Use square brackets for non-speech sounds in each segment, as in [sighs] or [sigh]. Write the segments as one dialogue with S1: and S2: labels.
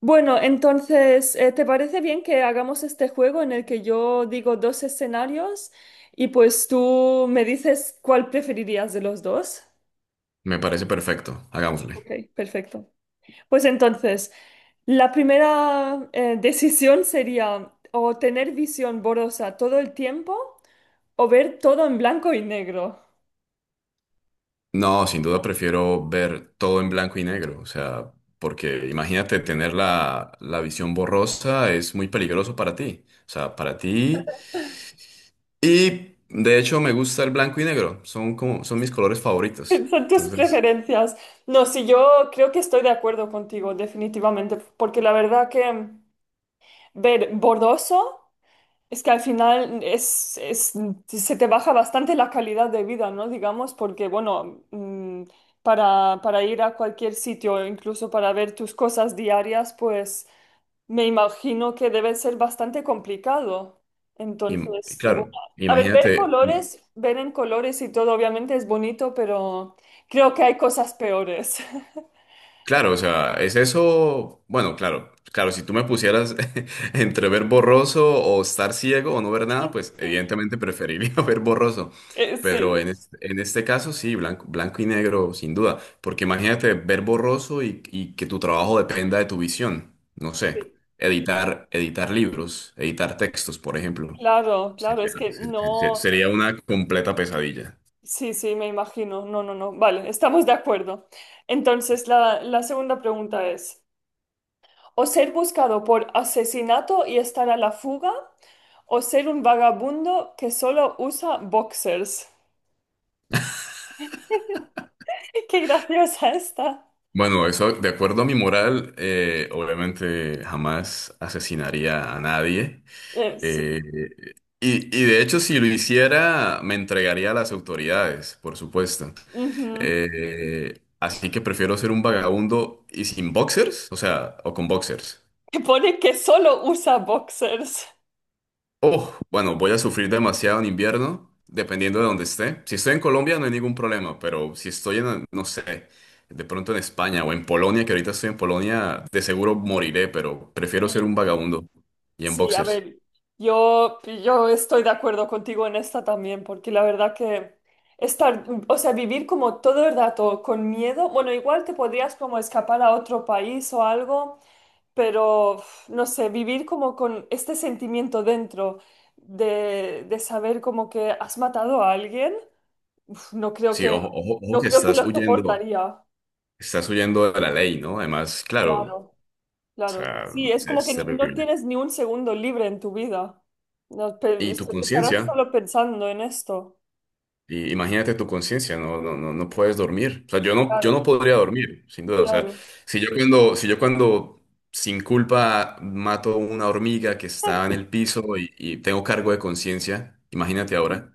S1: Bueno, entonces, ¿te parece bien que hagamos este juego en el que yo digo dos escenarios y pues tú me dices cuál preferirías de los dos?
S2: Me parece perfecto, hagámosle.
S1: Ok, perfecto. Pues entonces, la primera decisión sería o tener visión borrosa todo el tiempo o ver todo en blanco y negro.
S2: No, sin duda prefiero ver todo en blanco y negro, o sea, porque imagínate tener la visión borrosa es muy peligroso para ti, o sea, para ti. Y de hecho me gusta el blanco y negro, son como, son mis colores favoritos.
S1: [laughs] Son tus
S2: Entonces,
S1: preferencias. No, sí, yo creo que estoy de acuerdo contigo, definitivamente, porque la verdad que ver borroso. Es que al final se te baja bastante la calidad de vida, ¿no? Digamos, porque, bueno, para ir a cualquier sitio, incluso para ver tus cosas diarias, pues me imagino que debe ser bastante complicado. Entonces, y bueno,
S2: claro,
S1: a ver, ver
S2: imagínate.
S1: colores, ver en colores y todo, obviamente es bonito, pero creo que hay cosas peores. [laughs]
S2: Claro, o sea, es eso, bueno, claro, claro, si tú me pusieras [laughs] entre ver borroso o estar ciego o no ver nada, pues evidentemente preferiría [laughs] ver borroso, pero
S1: Sí,
S2: en este caso sí, blanco, blanco y negro, sin duda, porque imagínate ver borroso y que tu trabajo dependa de tu visión, no sé,
S1: sí,
S2: editar libros, editar textos, por ejemplo,
S1: claro, claro,
S2: sería,
S1: es que
S2: se- se- se-
S1: no.
S2: sería una completa pesadilla.
S1: Sí, sí, me imagino. No, no, no. Vale, estamos de acuerdo. Entonces, la segunda pregunta es, o ser buscado por asesinato y estar a la fuga, o ser un vagabundo que solo usa boxers. [laughs] Qué graciosa esta.
S2: Bueno, eso, de acuerdo a mi moral, obviamente jamás asesinaría a nadie. Eh,
S1: Sí.
S2: y de hecho, si lo hiciera, me entregaría a las autoridades, por supuesto.
S1: Ujú.
S2: Así que prefiero ser un vagabundo y sin boxers, o sea, o con boxers.
S1: Que pone que solo usa boxers.
S2: Oh, bueno, voy a sufrir demasiado en invierno, dependiendo de dónde esté. Si estoy en Colombia no hay ningún problema, pero si estoy en, no sé, de pronto en España o en Polonia, que ahorita estoy en Polonia, de seguro moriré, pero prefiero ser un vagabundo y en
S1: Sí, a
S2: boxers.
S1: ver, yo estoy de acuerdo contigo en esta también, porque la verdad que estar, o sea, vivir como todo el rato con miedo, bueno, igual te podrías como escapar a otro país o algo, pero uf, no sé, vivir como con este sentimiento dentro de saber como que has matado a alguien, uf, no creo
S2: Sí,
S1: que,
S2: ojo, ojo, ojo
S1: no
S2: que
S1: creo que lo soportaría,
S2: estás huyendo de la ley, ¿no? Además, claro,
S1: claro.
S2: o
S1: Claro,
S2: sea,
S1: sí, es como
S2: es
S1: que no
S2: terrible.
S1: tienes ni un segundo libre en tu vida. No,
S2: ¿Y tu
S1: estarás
S2: conciencia?
S1: solo pensando en esto.
S2: Y imagínate tu conciencia, no, no, no, no puedes dormir. O sea, yo no, yo
S1: Claro,
S2: no podría dormir, sin duda. O sea,
S1: claro.
S2: si yo cuando sin culpa mato una hormiga que está en el piso y tengo cargo de conciencia, imagínate ahora.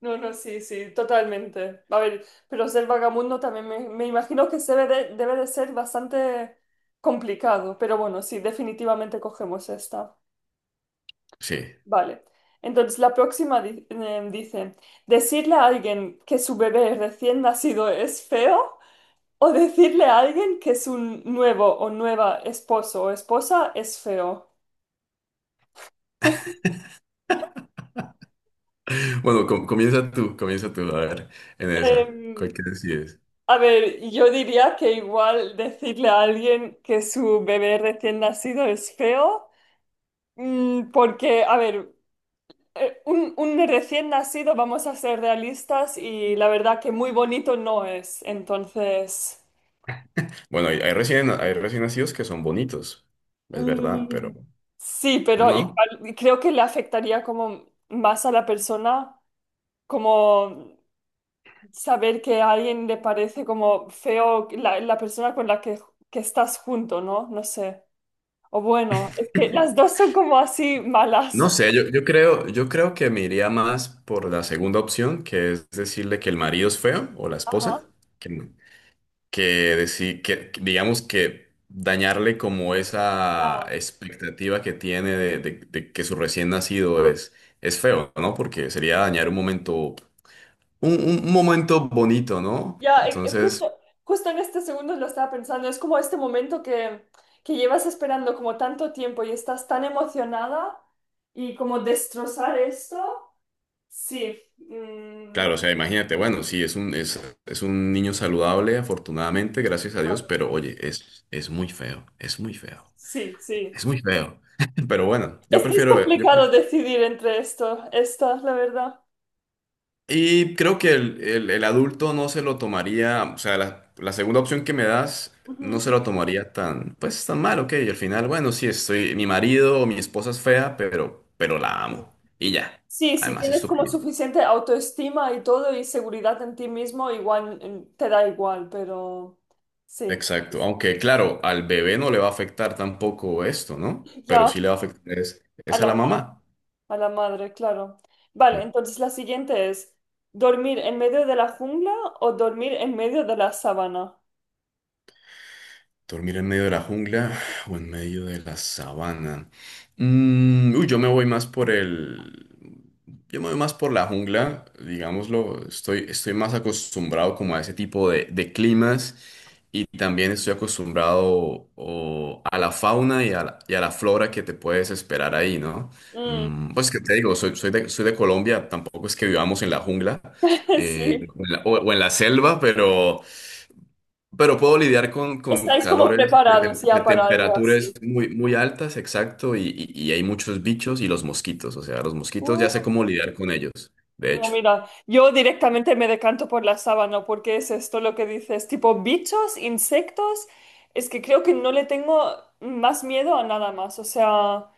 S1: No, no, sí, sí, totalmente. A ver, pero ser vagabundo también me imagino que se debe de ser bastante complicado. Pero bueno, sí, definitivamente cogemos esta.
S2: Sí. [laughs]
S1: Vale. Entonces, la próxima dice, decirle a alguien que su bebé recién nacido es feo o decirle a alguien que su nuevo o nueva esposo o esposa es feo. [laughs]
S2: Bueno, comienza tú, a ver, en esa. ¿Cuál
S1: Em,
S2: que decides?
S1: a ver, yo diría que igual decirle a alguien que su bebé recién nacido es feo, mm, porque, a ver, un recién nacido, vamos a ser realistas, y la verdad que muy bonito no es. Entonces,
S2: Bueno, hay recién nacidos que son bonitos, es verdad, pero
S1: mm, sí, pero
S2: no.
S1: igual creo que le afectaría como más a la persona, como saber que a alguien le parece como feo la persona con la que estás junto, ¿no? No sé. O bueno, es que las dos son como así
S2: No
S1: malas.
S2: sé, yo creo que me iría más por la segunda opción, que es decirle que el marido es feo o la
S1: Ajá.
S2: esposa, que, que que digamos que dañarle como esa
S1: Ya,
S2: expectativa que tiene de que su recién nacido es feo, ¿no? Porque sería dañar un momento, un momento bonito, ¿no?
S1: ya,
S2: Entonces,
S1: justo en este segundo lo estaba pensando. Es como este momento que llevas esperando como tanto tiempo y estás tan emocionada y como destrozar esto. Sí. Mm,
S2: claro, o sea, imagínate, bueno, sí, es un niño saludable, afortunadamente, gracias a Dios, pero oye, es muy feo, es muy feo.
S1: sí, sí.
S2: Es muy feo. [laughs] Pero bueno, yo
S1: Es que es
S2: prefiero, yo
S1: complicado
S2: pref-
S1: decidir entre esto, esta, la verdad.
S2: Y creo que el adulto no se lo tomaría, o sea, la segunda opción que me das no
S1: Ujú.
S2: se lo tomaría tan, pues tan mal, ok. Y al final, bueno, sí, estoy, mi marido o mi esposa es fea, pero la amo. Y ya.
S1: Sí, si
S2: Además,
S1: tienes como
S2: estúpido.
S1: suficiente autoestima y todo y seguridad en ti mismo, igual te da igual, pero sí,
S2: Exacto. Aunque, claro, al bebé no le va a afectar tampoco esto, ¿no? Pero sí
S1: ya
S2: le va a afectar es,
S1: a
S2: es a
S1: la,
S2: la
S1: ma-
S2: mamá.
S1: a la madre, claro. Vale, entonces la siguiente es, ¿dormir en medio de la jungla o dormir en medio de la sabana?
S2: Dormir en medio de la jungla [sighs] o en medio de la sabana. Uy, yo me voy más por el. Yo me voy más por la jungla, digámoslo. Estoy más acostumbrado como a ese tipo de climas y también estoy acostumbrado a la, fauna y a la flora que te puedes esperar ahí, ¿no?
S1: Mm,
S2: Pues que te digo, soy de Colombia, tampoco es que vivamos en la jungla
S1: [laughs] sí,
S2: o en la selva, pero. Pero puedo lidiar con
S1: estáis como
S2: calores de,
S1: preparados
S2: tem- de
S1: ya para algo
S2: temperaturas
S1: así.
S2: muy, muy altas, exacto, y hay muchos bichos y los mosquitos, o sea, los mosquitos ya sé cómo lidiar con ellos, de
S1: No,
S2: hecho.
S1: mira, yo directamente me decanto por la sábana porque es esto lo que dices, tipo bichos, insectos, es que creo que no le tengo más miedo a nada más, o sea,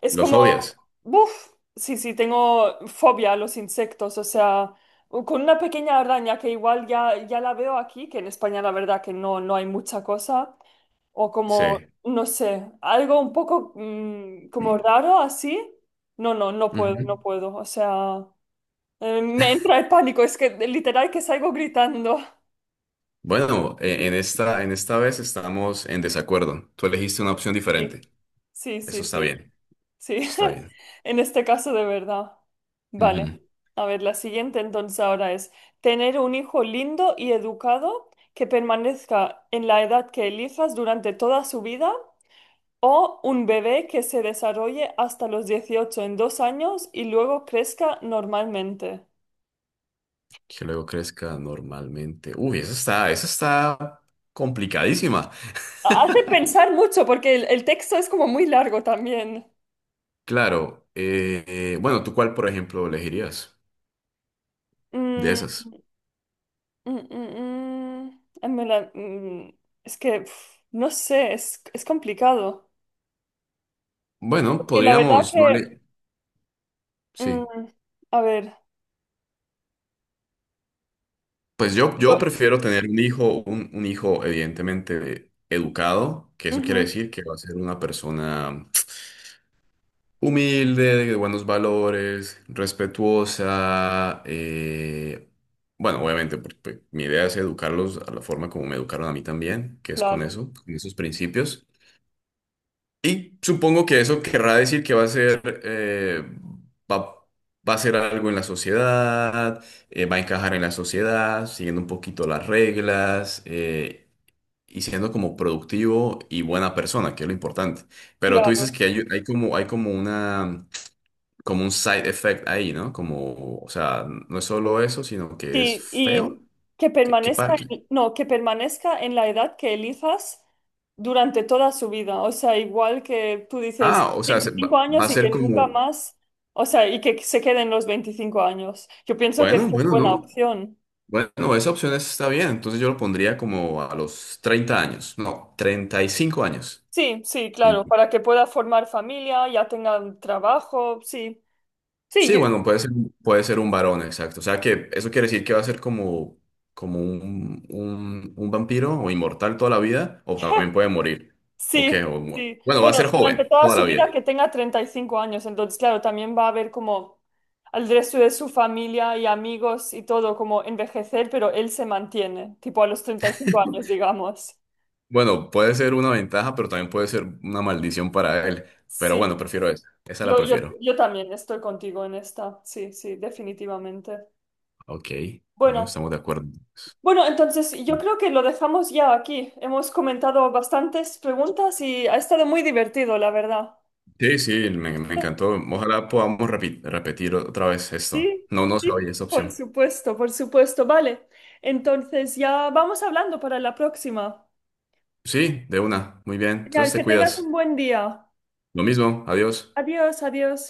S1: es
S2: ¿Los
S1: como,
S2: odias?
S1: uff, sí, sí, tengo fobia a los insectos, o sea, con una pequeña araña que igual ya, ya la veo aquí, que en España la verdad que no, no hay mucha cosa, o
S2: Sí.
S1: como, no sé, algo un poco como raro así, no, no, no puedo,
S2: Ujú.
S1: no puedo, o sea... me entra el pánico, es que literal que salgo gritando.
S2: Bueno, en esta vez estamos en desacuerdo. Tú elegiste una opción diferente.
S1: Sí, sí,
S2: Eso
S1: sí,
S2: está
S1: sí,
S2: bien,
S1: sí.
S2: eso está
S1: [laughs]
S2: bien.
S1: En este caso de verdad. Vale.
S2: Ujú.
S1: A ver, la siguiente entonces ahora es tener un hijo lindo y educado que permanezca en la edad que elijas durante toda su vida o un bebé que se desarrolle hasta los 18 en 2 años y luego crezca normalmente.
S2: Que luego crezca normalmente. Uy, eso está complicadísima.
S1: Hace pensar mucho porque el texto es como muy largo también.
S2: Claro, bueno, ¿tú cuál, por ejemplo, elegirías de
S1: Mm,
S2: esas?
S1: Mm. En verdad, mm, es que uf, no sé, es complicado.
S2: Bueno,
S1: Porque la verdad
S2: podríamos, no
S1: que,
S2: le.
S1: mm,
S2: Sí.
S1: a ver,
S2: Pues yo
S1: yo-
S2: prefiero tener un hijo, un hijo evidentemente educado, que eso quiere
S1: ujú,
S2: decir que va a ser una persona humilde, de buenos valores, respetuosa. Bueno, obviamente, porque mi idea es educarlos a la forma como me educaron a mí también, que es con
S1: claro,
S2: eso, con esos principios. Y supongo que eso querrá decir que va a ser, va, va a ser algo en la sociedad, va a encajar en la sociedad, siguiendo un poquito las reglas, y siendo como productivo y buena persona, que es lo importante. Pero tú
S1: claro,
S2: dices que hay como un side effect ahí, ¿no? Como, o sea, no es solo eso, sino que es
S1: sí, y
S2: feo.
S1: que
S2: ¿Qué, qué
S1: permanezca
S2: par- qué-
S1: en, no, que permanezca en la edad que elijas durante toda su vida. O sea, igual que tú dices
S2: Ah, o sea, se-
S1: 25
S2: va, va
S1: años
S2: a
S1: y
S2: ser
S1: que
S2: como,
S1: nunca más, o sea, y que se queden los 25 años. Yo pienso que es
S2: bueno,
S1: una
S2: bueno,
S1: buena
S2: ¿no?
S1: opción.
S2: Bueno, esa opción está bien, entonces yo lo pondría como a los 30 años, no, 35 años.
S1: Sí, sí, claro,
S2: Y
S1: para que pueda formar familia, ya tenga un trabajo, sí. Sí,
S2: sí,
S1: yo-
S2: bueno, puede ser un varón, exacto. O sea que eso quiere decir que va a ser como, como un vampiro o inmortal toda la vida, o también puede morir. Ok,
S1: sí, sí.
S2: bueno, va a
S1: Bueno,
S2: ser
S1: durante
S2: joven
S1: toda
S2: toda
S1: su
S2: la vida.
S1: vida que tenga 35 años, entonces, claro, también va a ver como al resto de su familia y amigos y todo, como envejecer, pero él se mantiene, tipo a los 35 años, digamos.
S2: Bueno, puede ser una ventaja, pero también puede ser una maldición para él. Pero bueno,
S1: Sí,
S2: prefiero esa, esa la prefiero.
S1: yo también estoy contigo en esta, sí, sí, definitivamente.
S2: Ok, bueno,
S1: Bueno.
S2: estamos de acuerdo.
S1: Bueno, entonces yo creo que lo dejamos ya aquí. Hemos comentado bastantes preguntas y ha estado muy divertido, la verdad.
S2: Sí, sí, me encantó. Ojalá podamos repetir otra vez esto.
S1: Sí,
S2: No, no se
S1: sí,
S2: oye esa
S1: por
S2: opción.
S1: supuesto, por supuesto. Vale, entonces ya vamos hablando para la próxima.
S2: Sí, de una. Muy bien.
S1: Genial,
S2: Entonces te
S1: que tengas un
S2: cuidas.
S1: buen día.
S2: Lo mismo. Adiós.
S1: Adiós, adiós.